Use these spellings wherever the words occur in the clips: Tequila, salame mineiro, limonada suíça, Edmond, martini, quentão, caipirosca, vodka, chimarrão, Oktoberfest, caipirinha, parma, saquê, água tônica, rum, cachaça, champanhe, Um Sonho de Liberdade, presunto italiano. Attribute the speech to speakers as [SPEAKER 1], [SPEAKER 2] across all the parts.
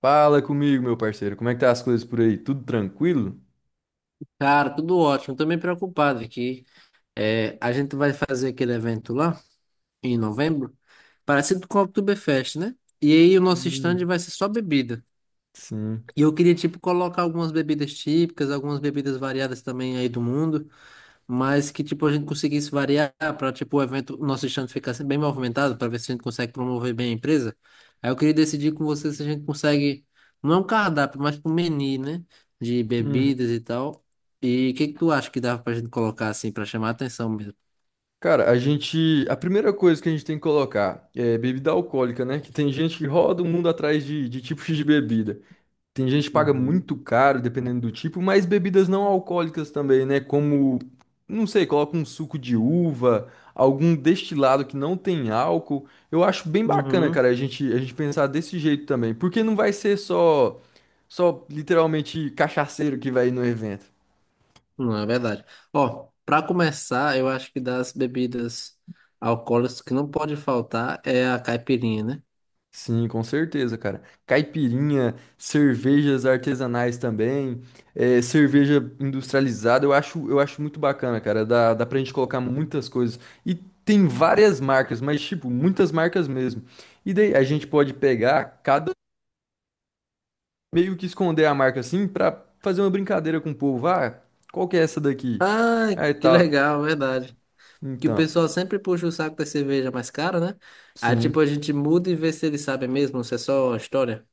[SPEAKER 1] Fala comigo, meu parceiro. Como é que tá as coisas por aí? Tudo tranquilo?
[SPEAKER 2] Cara, tudo ótimo. Tô meio preocupado aqui. É, a gente vai fazer aquele evento lá em novembro, parecido com o Oktoberfest, né? E aí o nosso stand
[SPEAKER 1] Hum,
[SPEAKER 2] vai ser só bebida.
[SPEAKER 1] Sim.
[SPEAKER 2] E eu queria, tipo, colocar algumas bebidas típicas, algumas bebidas variadas também aí do mundo, mas que tipo a gente conseguisse variar para tipo o evento, o nosso stand ficar sempre bem movimentado para ver se a gente consegue promover bem a empresa. Aí eu queria decidir com você se a gente consegue, não é um cardápio, mas um menu, né, de
[SPEAKER 1] Uhum.
[SPEAKER 2] bebidas e tal. E o que que tu acha que dava pra gente colocar assim para chamar a atenção mesmo?
[SPEAKER 1] Cara, a gente. A primeira coisa que a gente tem que colocar é bebida alcoólica, né? Que tem gente que roda o mundo atrás de tipos de bebida. Tem gente que paga
[SPEAKER 2] Uhum.
[SPEAKER 1] muito caro, dependendo do tipo, mas bebidas não alcoólicas também, né? Como, não sei, coloca um suco de uva, algum destilado que não tem álcool. Eu acho bem bacana,
[SPEAKER 2] Uhum.
[SPEAKER 1] cara, a gente pensar desse jeito também. Porque não vai ser só literalmente cachaceiro que vai no evento.
[SPEAKER 2] Não, é verdade. Ó, para começar, eu acho que das bebidas alcoólicas que não pode faltar é a caipirinha, né?
[SPEAKER 1] Sim, com certeza, cara. Caipirinha, cervejas artesanais também, cerveja industrializada, eu acho muito bacana, cara. Dá pra gente colocar muitas coisas. E tem várias marcas, mas, tipo, muitas marcas mesmo. E daí a gente pode pegar cada meio que esconder a marca assim pra fazer uma brincadeira com o povo. Ah, qual que é essa daqui?
[SPEAKER 2] Ah,
[SPEAKER 1] Aí
[SPEAKER 2] que
[SPEAKER 1] tal.
[SPEAKER 2] legal, verdade. Que o
[SPEAKER 1] Então,
[SPEAKER 2] pessoal sempre puxa o saco da cerveja mais cara, né? Aí, tipo,
[SPEAKER 1] sim.
[SPEAKER 2] a gente muda e vê se eles sabem mesmo, se é só uma história.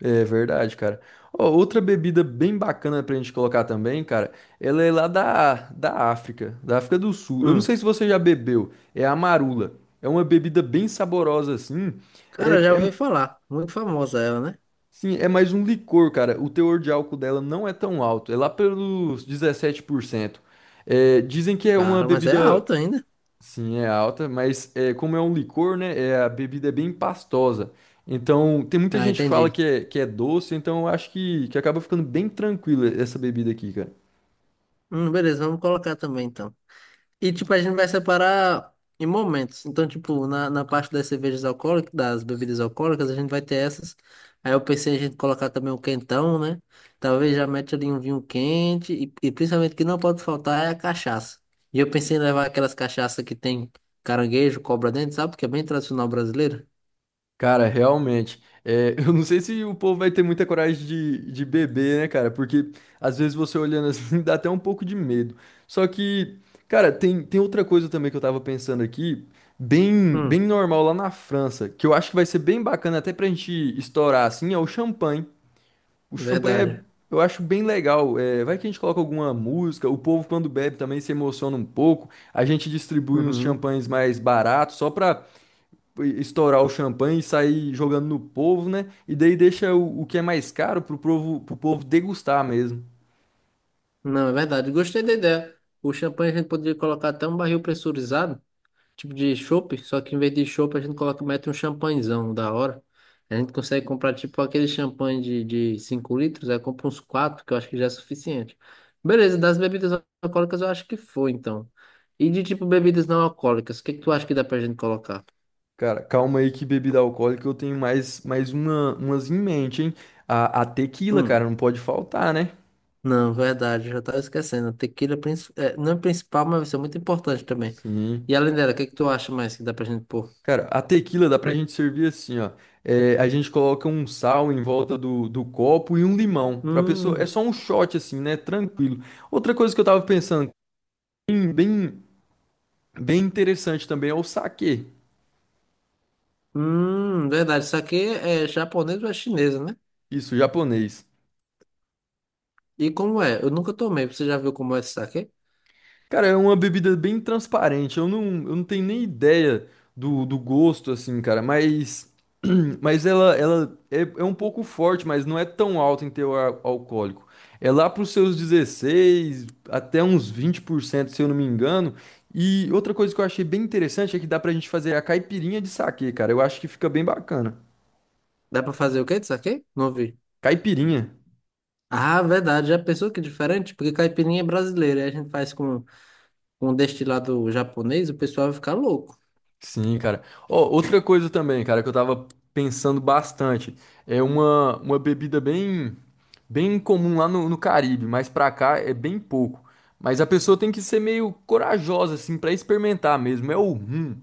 [SPEAKER 1] É verdade, cara. Ó, outra bebida bem bacana pra gente colocar também, cara, ela é lá da África, da África do Sul. Eu não
[SPEAKER 2] Hum,
[SPEAKER 1] sei se você já bebeu, é a marula. É uma bebida bem saborosa assim. É,
[SPEAKER 2] Cara, já
[SPEAKER 1] é,
[SPEAKER 2] ouvi falar. Muito famosa ela, né?
[SPEAKER 1] sim, é mais um licor, cara. O teor de álcool dela não é tão alto, é lá pelos 17%. É, dizem que é uma
[SPEAKER 2] Cara, mas é
[SPEAKER 1] bebida.
[SPEAKER 2] alta ainda.
[SPEAKER 1] Sim, é alta, como é um licor, né? É, a bebida é bem pastosa. Então, tem muita
[SPEAKER 2] Ah,
[SPEAKER 1] gente que fala
[SPEAKER 2] entendi.
[SPEAKER 1] que é doce, então eu acho que acaba ficando bem tranquila essa bebida aqui, cara.
[SPEAKER 2] Beleza, vamos colocar também, então. E, tipo, a gente vai separar em momentos. Então, tipo, na parte das cervejas alcoólicas, das bebidas alcoólicas, a gente vai ter essas. Aí eu pensei em a gente colocar também um quentão, né? Talvez já mete ali um vinho quente. E principalmente o que não pode faltar é a cachaça. E eu pensei em levar aquelas cachaças que tem caranguejo, cobra dentro, sabe? Porque é bem tradicional brasileiro.
[SPEAKER 1] Cara, realmente. Eu não sei se o povo vai ter muita coragem de beber, né, cara? Porque às vezes você olhando assim dá até um pouco de medo. Só que, cara, tem outra coisa também que eu tava pensando aqui, bem
[SPEAKER 2] Hum,
[SPEAKER 1] normal lá na França, que eu acho que vai ser bem bacana até pra gente estourar assim, é o champanhe. O champanhe é,
[SPEAKER 2] verdade.
[SPEAKER 1] eu acho bem legal. É, vai que a gente coloca alguma música, o povo quando bebe também se emociona um pouco. A gente distribui uns
[SPEAKER 2] Uhum.
[SPEAKER 1] champanhes mais baratos só pra estourar o champanhe e sair jogando no povo, né? E daí deixa o que é mais caro pro povo, degustar mesmo.
[SPEAKER 2] Não, é verdade. Gostei da ideia. O champanhe a gente poderia colocar até um barril pressurizado. Tipo de chopp, só que em vez de chopp a gente coloca, mete um champanhezão da hora. A gente consegue comprar tipo aquele champanhe de, 5 litros, aí compra uns 4 que eu acho que já é suficiente. Beleza, das bebidas alcoólicas eu acho que foi então. E de tipo bebidas não alcoólicas, o que que tu acha que dá pra gente colocar?
[SPEAKER 1] Cara, calma aí que bebida alcoólica eu tenho mais umas em mente, hein? A tequila, cara,
[SPEAKER 2] Hum,
[SPEAKER 1] não pode faltar, né?
[SPEAKER 2] não, verdade, eu já tava esquecendo. A Tequila é, não é principal, mas vai ser muito importante também.
[SPEAKER 1] Sim.
[SPEAKER 2] E além dela, o que que tu acha mais que dá pra gente pôr?
[SPEAKER 1] Cara, a tequila dá pra gente servir assim, ó. É, a gente coloca um sal em volta do copo e um limão. Pra pessoa, é
[SPEAKER 2] Hum,
[SPEAKER 1] só um shot assim, né? Tranquilo. Outra coisa que eu tava pensando, bem, bem, bem interessante também, é o saquê.
[SPEAKER 2] verdade, isso aqui é japonês ou é chinesa, né?
[SPEAKER 1] Isso, japonês.
[SPEAKER 2] E como é? Eu nunca tomei. Você já viu como é esse saquê?
[SPEAKER 1] Cara, é uma bebida bem transparente. Eu não tenho nem ideia do gosto, assim, cara. Mas ela é um pouco forte, mas não é tão alta em teor alcoólico. É lá para os seus 16 até uns 20%, se eu não me engano. E outra coisa que eu achei bem interessante é que dá pra gente fazer a caipirinha de saquê, cara. Eu acho que fica bem bacana.
[SPEAKER 2] Dá pra fazer o quê de saquê? Não vi.
[SPEAKER 1] Caipirinha.
[SPEAKER 2] Ah, verdade. Já pensou que é diferente? Porque caipirinha é brasileira. Aí a gente faz com um destilado japonês, o pessoal vai ficar louco.
[SPEAKER 1] Sim, cara. Ó, outra coisa também, cara, que eu tava pensando bastante, é uma bebida bem comum lá no Caribe, mas pra cá é bem pouco. Mas a pessoa tem que ser meio corajosa, assim, pra experimentar mesmo. É o rum.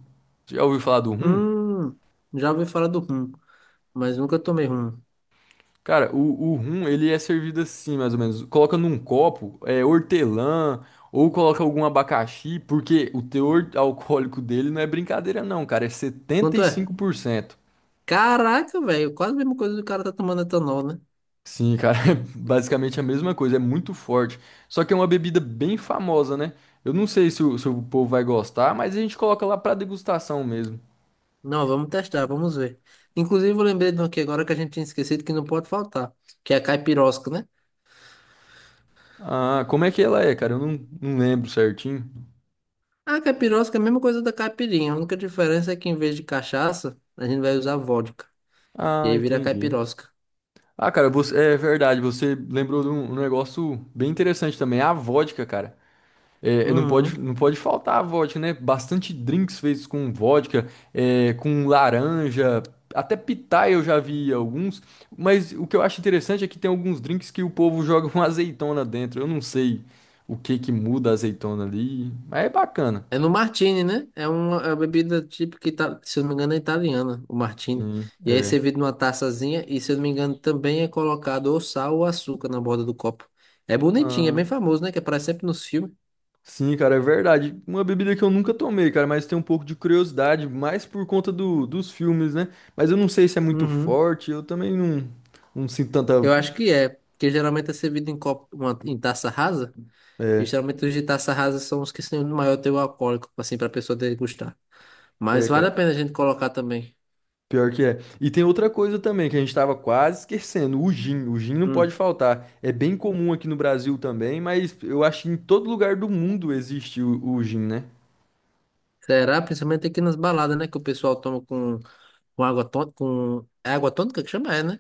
[SPEAKER 1] Já ouviu falar do rum?
[SPEAKER 2] Hum, Já ouvi falar do rum, mas nunca tomei rum.
[SPEAKER 1] Cara, o rum, ele é servido assim, mais ou menos. Coloca num copo, hortelã, ou coloca algum abacaxi, porque o teor alcoólico dele não é brincadeira não, cara, é setenta
[SPEAKER 2] Quanto
[SPEAKER 1] e
[SPEAKER 2] é?
[SPEAKER 1] cinco por cento
[SPEAKER 2] Caraca, velho. Quase a mesma coisa que o cara tá tomando etanol, né?
[SPEAKER 1] Sim, cara, é basicamente a mesma coisa, é muito forte. Só que é uma bebida bem famosa, né? Eu não sei se se o povo vai gostar, mas a gente coloca lá pra degustação mesmo.
[SPEAKER 2] Não, vamos testar, vamos ver. Inclusive, eu lembrei de um aqui agora que a gente tinha esquecido que não pode faltar, que é a caipirosca, né?
[SPEAKER 1] Ah, como é que ela é, cara? Eu não lembro certinho.
[SPEAKER 2] A capirosca é a mesma coisa da caipirinha. A única diferença é que em vez de cachaça, a gente vai usar vodka. E
[SPEAKER 1] Ah,
[SPEAKER 2] aí vira
[SPEAKER 1] entendi.
[SPEAKER 2] capirosca.
[SPEAKER 1] Ah, cara, você, é verdade, você lembrou de um negócio bem interessante também, a vodka, cara. Não
[SPEAKER 2] Uhum.
[SPEAKER 1] pode, não pode faltar a vodka, né? Bastante drinks feitos com vodka, com laranja, até pitaia eu já vi alguns. Mas o que eu acho interessante é que tem alguns drinks que o povo joga uma azeitona dentro. Eu não sei o que que muda a azeitona ali, mas é bacana.
[SPEAKER 2] É no martini, né? É uma bebida típica, se eu não me engano, é italiana, o martini.
[SPEAKER 1] Sim,
[SPEAKER 2] E aí é
[SPEAKER 1] é.
[SPEAKER 2] servido numa taçazinha e, se eu não me engano, também é colocado ou sal ou açúcar na borda do copo. É bonitinho, é
[SPEAKER 1] Ah,
[SPEAKER 2] bem famoso, né? Que aparece sempre nos filmes.
[SPEAKER 1] sim, cara, é verdade. Uma bebida que eu nunca tomei, cara, mas tenho um pouco de curiosidade, mais por conta dos filmes, né? Mas eu não sei se é muito
[SPEAKER 2] Uhum.
[SPEAKER 1] forte, eu também não sinto tanta.
[SPEAKER 2] Eu acho que é, porque geralmente é servido em copo, em taça rasa. E
[SPEAKER 1] É,
[SPEAKER 2] geralmente os de taça rasa são os que têm o maior teor alcoólico, assim, pra pessoa degustar. Mas
[SPEAKER 1] é,
[SPEAKER 2] vale a
[SPEAKER 1] cara.
[SPEAKER 2] pena a gente colocar também.
[SPEAKER 1] Pior que é. E tem outra coisa também que a gente estava quase esquecendo, o gin. O gin não pode
[SPEAKER 2] Hum.
[SPEAKER 1] faltar. É bem comum aqui no Brasil também, mas eu acho que em todo lugar do mundo existe o gin, né?
[SPEAKER 2] Será? Principalmente aqui nas baladas, né? Que o pessoal toma com, água tônica. É água tônica que chama? É, né?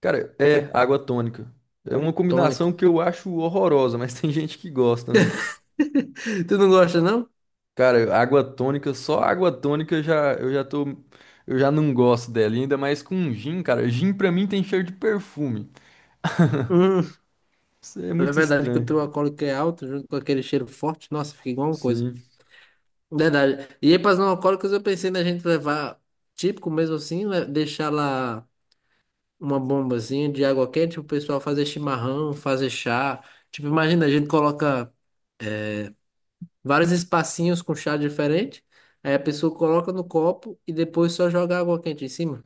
[SPEAKER 1] Cara, é água tônica. É uma combinação
[SPEAKER 2] Tônico.
[SPEAKER 1] que eu acho horrorosa, mas tem gente que gosta, né?
[SPEAKER 2] Tu não gosta, não?
[SPEAKER 1] Cara, água tônica, só água tônica eu já não gosto dela, e ainda mais com gin, cara. Gin pra mim tem cheiro de perfume.
[SPEAKER 2] Hum.
[SPEAKER 1] Isso é
[SPEAKER 2] É
[SPEAKER 1] muito
[SPEAKER 2] verdade que o
[SPEAKER 1] estranho.
[SPEAKER 2] teu alcoólico é alto, junto com aquele cheiro forte. Nossa, fica igual uma coisa.
[SPEAKER 1] Sim.
[SPEAKER 2] Verdade. E aí, para os não alcoólicos, eu pensei na gente levar, típico mesmo assim, deixar lá uma bombazinha de água quente, o pessoal fazer chimarrão, fazer chá. Tipo, imagina, a gente coloca, vários espacinhos com chá diferente. Aí a pessoa coloca no copo e depois só joga água quente em cima.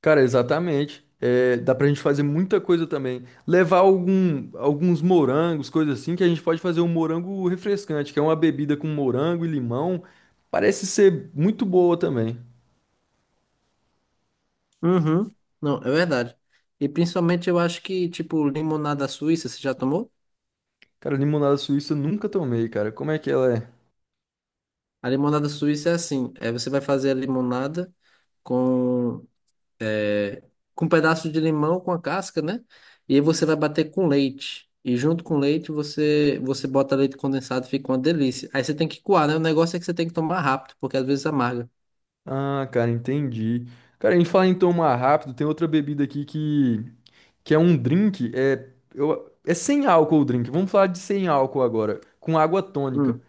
[SPEAKER 1] Cara, exatamente. É, dá pra gente fazer muita coisa também. Levar alguns morangos, coisa assim, que a gente pode fazer um morango refrescante, que é uma bebida com morango e limão. Parece ser muito boa também.
[SPEAKER 2] Uhum. Não, é verdade. E principalmente eu acho que, tipo, limonada suíça, você já tomou?
[SPEAKER 1] Cara, limonada suíça eu nunca tomei, cara. Como é que ela é?
[SPEAKER 2] A limonada suíça é assim, é você vai fazer a limonada com, com um pedaço de limão com a casca, né? E aí você vai bater com leite. E junto com leite você bota leite condensado, fica uma delícia. Aí você tem que coar, né? O negócio é que você tem que tomar rápido, porque às vezes amarga.
[SPEAKER 1] Ah, cara, entendi. Cara, a gente fala em tomar rápido, tem outra bebida aqui que é um drink, é sem álcool o drink. Vamos falar de sem álcool agora, com água tônica.
[SPEAKER 2] Hum.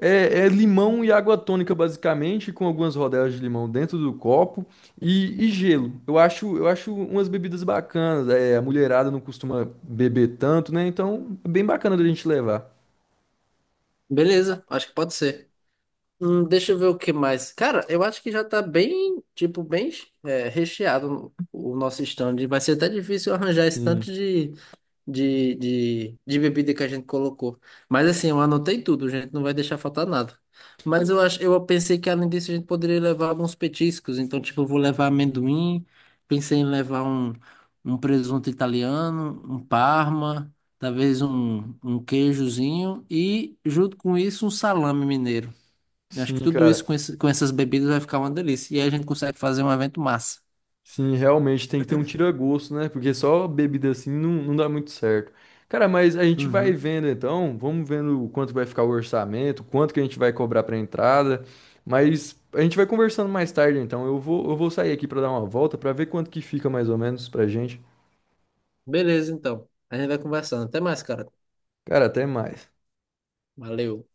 [SPEAKER 1] É limão e água tônica, basicamente, com algumas rodelas de limão dentro do copo e gelo. Eu acho umas bebidas bacanas. É, a mulherada não costuma beber tanto, né? Então, é bem bacana da gente levar.
[SPEAKER 2] Beleza, acho que pode ser. Deixa eu ver o que mais. Cara, eu acho que já tá bem, tipo, bem, recheado o nosso stand. Vai ser até difícil arranjar esse tanto
[SPEAKER 1] Sim,
[SPEAKER 2] de, de bebida que a gente colocou. Mas assim, eu anotei tudo, gente. Não vai deixar faltar nada. Mas eu pensei que além disso a gente poderia levar alguns petiscos. Então, tipo, eu vou levar amendoim. Pensei em levar um, um, presunto italiano, um parma, talvez um queijozinho e, junto com isso, um salame mineiro. Eu acho que
[SPEAKER 1] sim,
[SPEAKER 2] tudo isso
[SPEAKER 1] cara.
[SPEAKER 2] com essas bebidas vai ficar uma delícia. E aí a gente consegue fazer um evento massa.
[SPEAKER 1] Sim, realmente tem que ter um tira-gosto, né? Porque só bebida assim não dá muito certo. Cara, mas a gente vai
[SPEAKER 2] Uhum.
[SPEAKER 1] vendo então, vamos vendo o quanto vai ficar o orçamento, quanto que a gente vai cobrar pra entrada, mas a gente vai conversando mais tarde então. Eu vou sair aqui pra dar uma volta pra ver quanto que fica mais ou menos pra gente.
[SPEAKER 2] Beleza, então. A gente vai conversando. Até mais, cara.
[SPEAKER 1] Cara, até mais.
[SPEAKER 2] Valeu.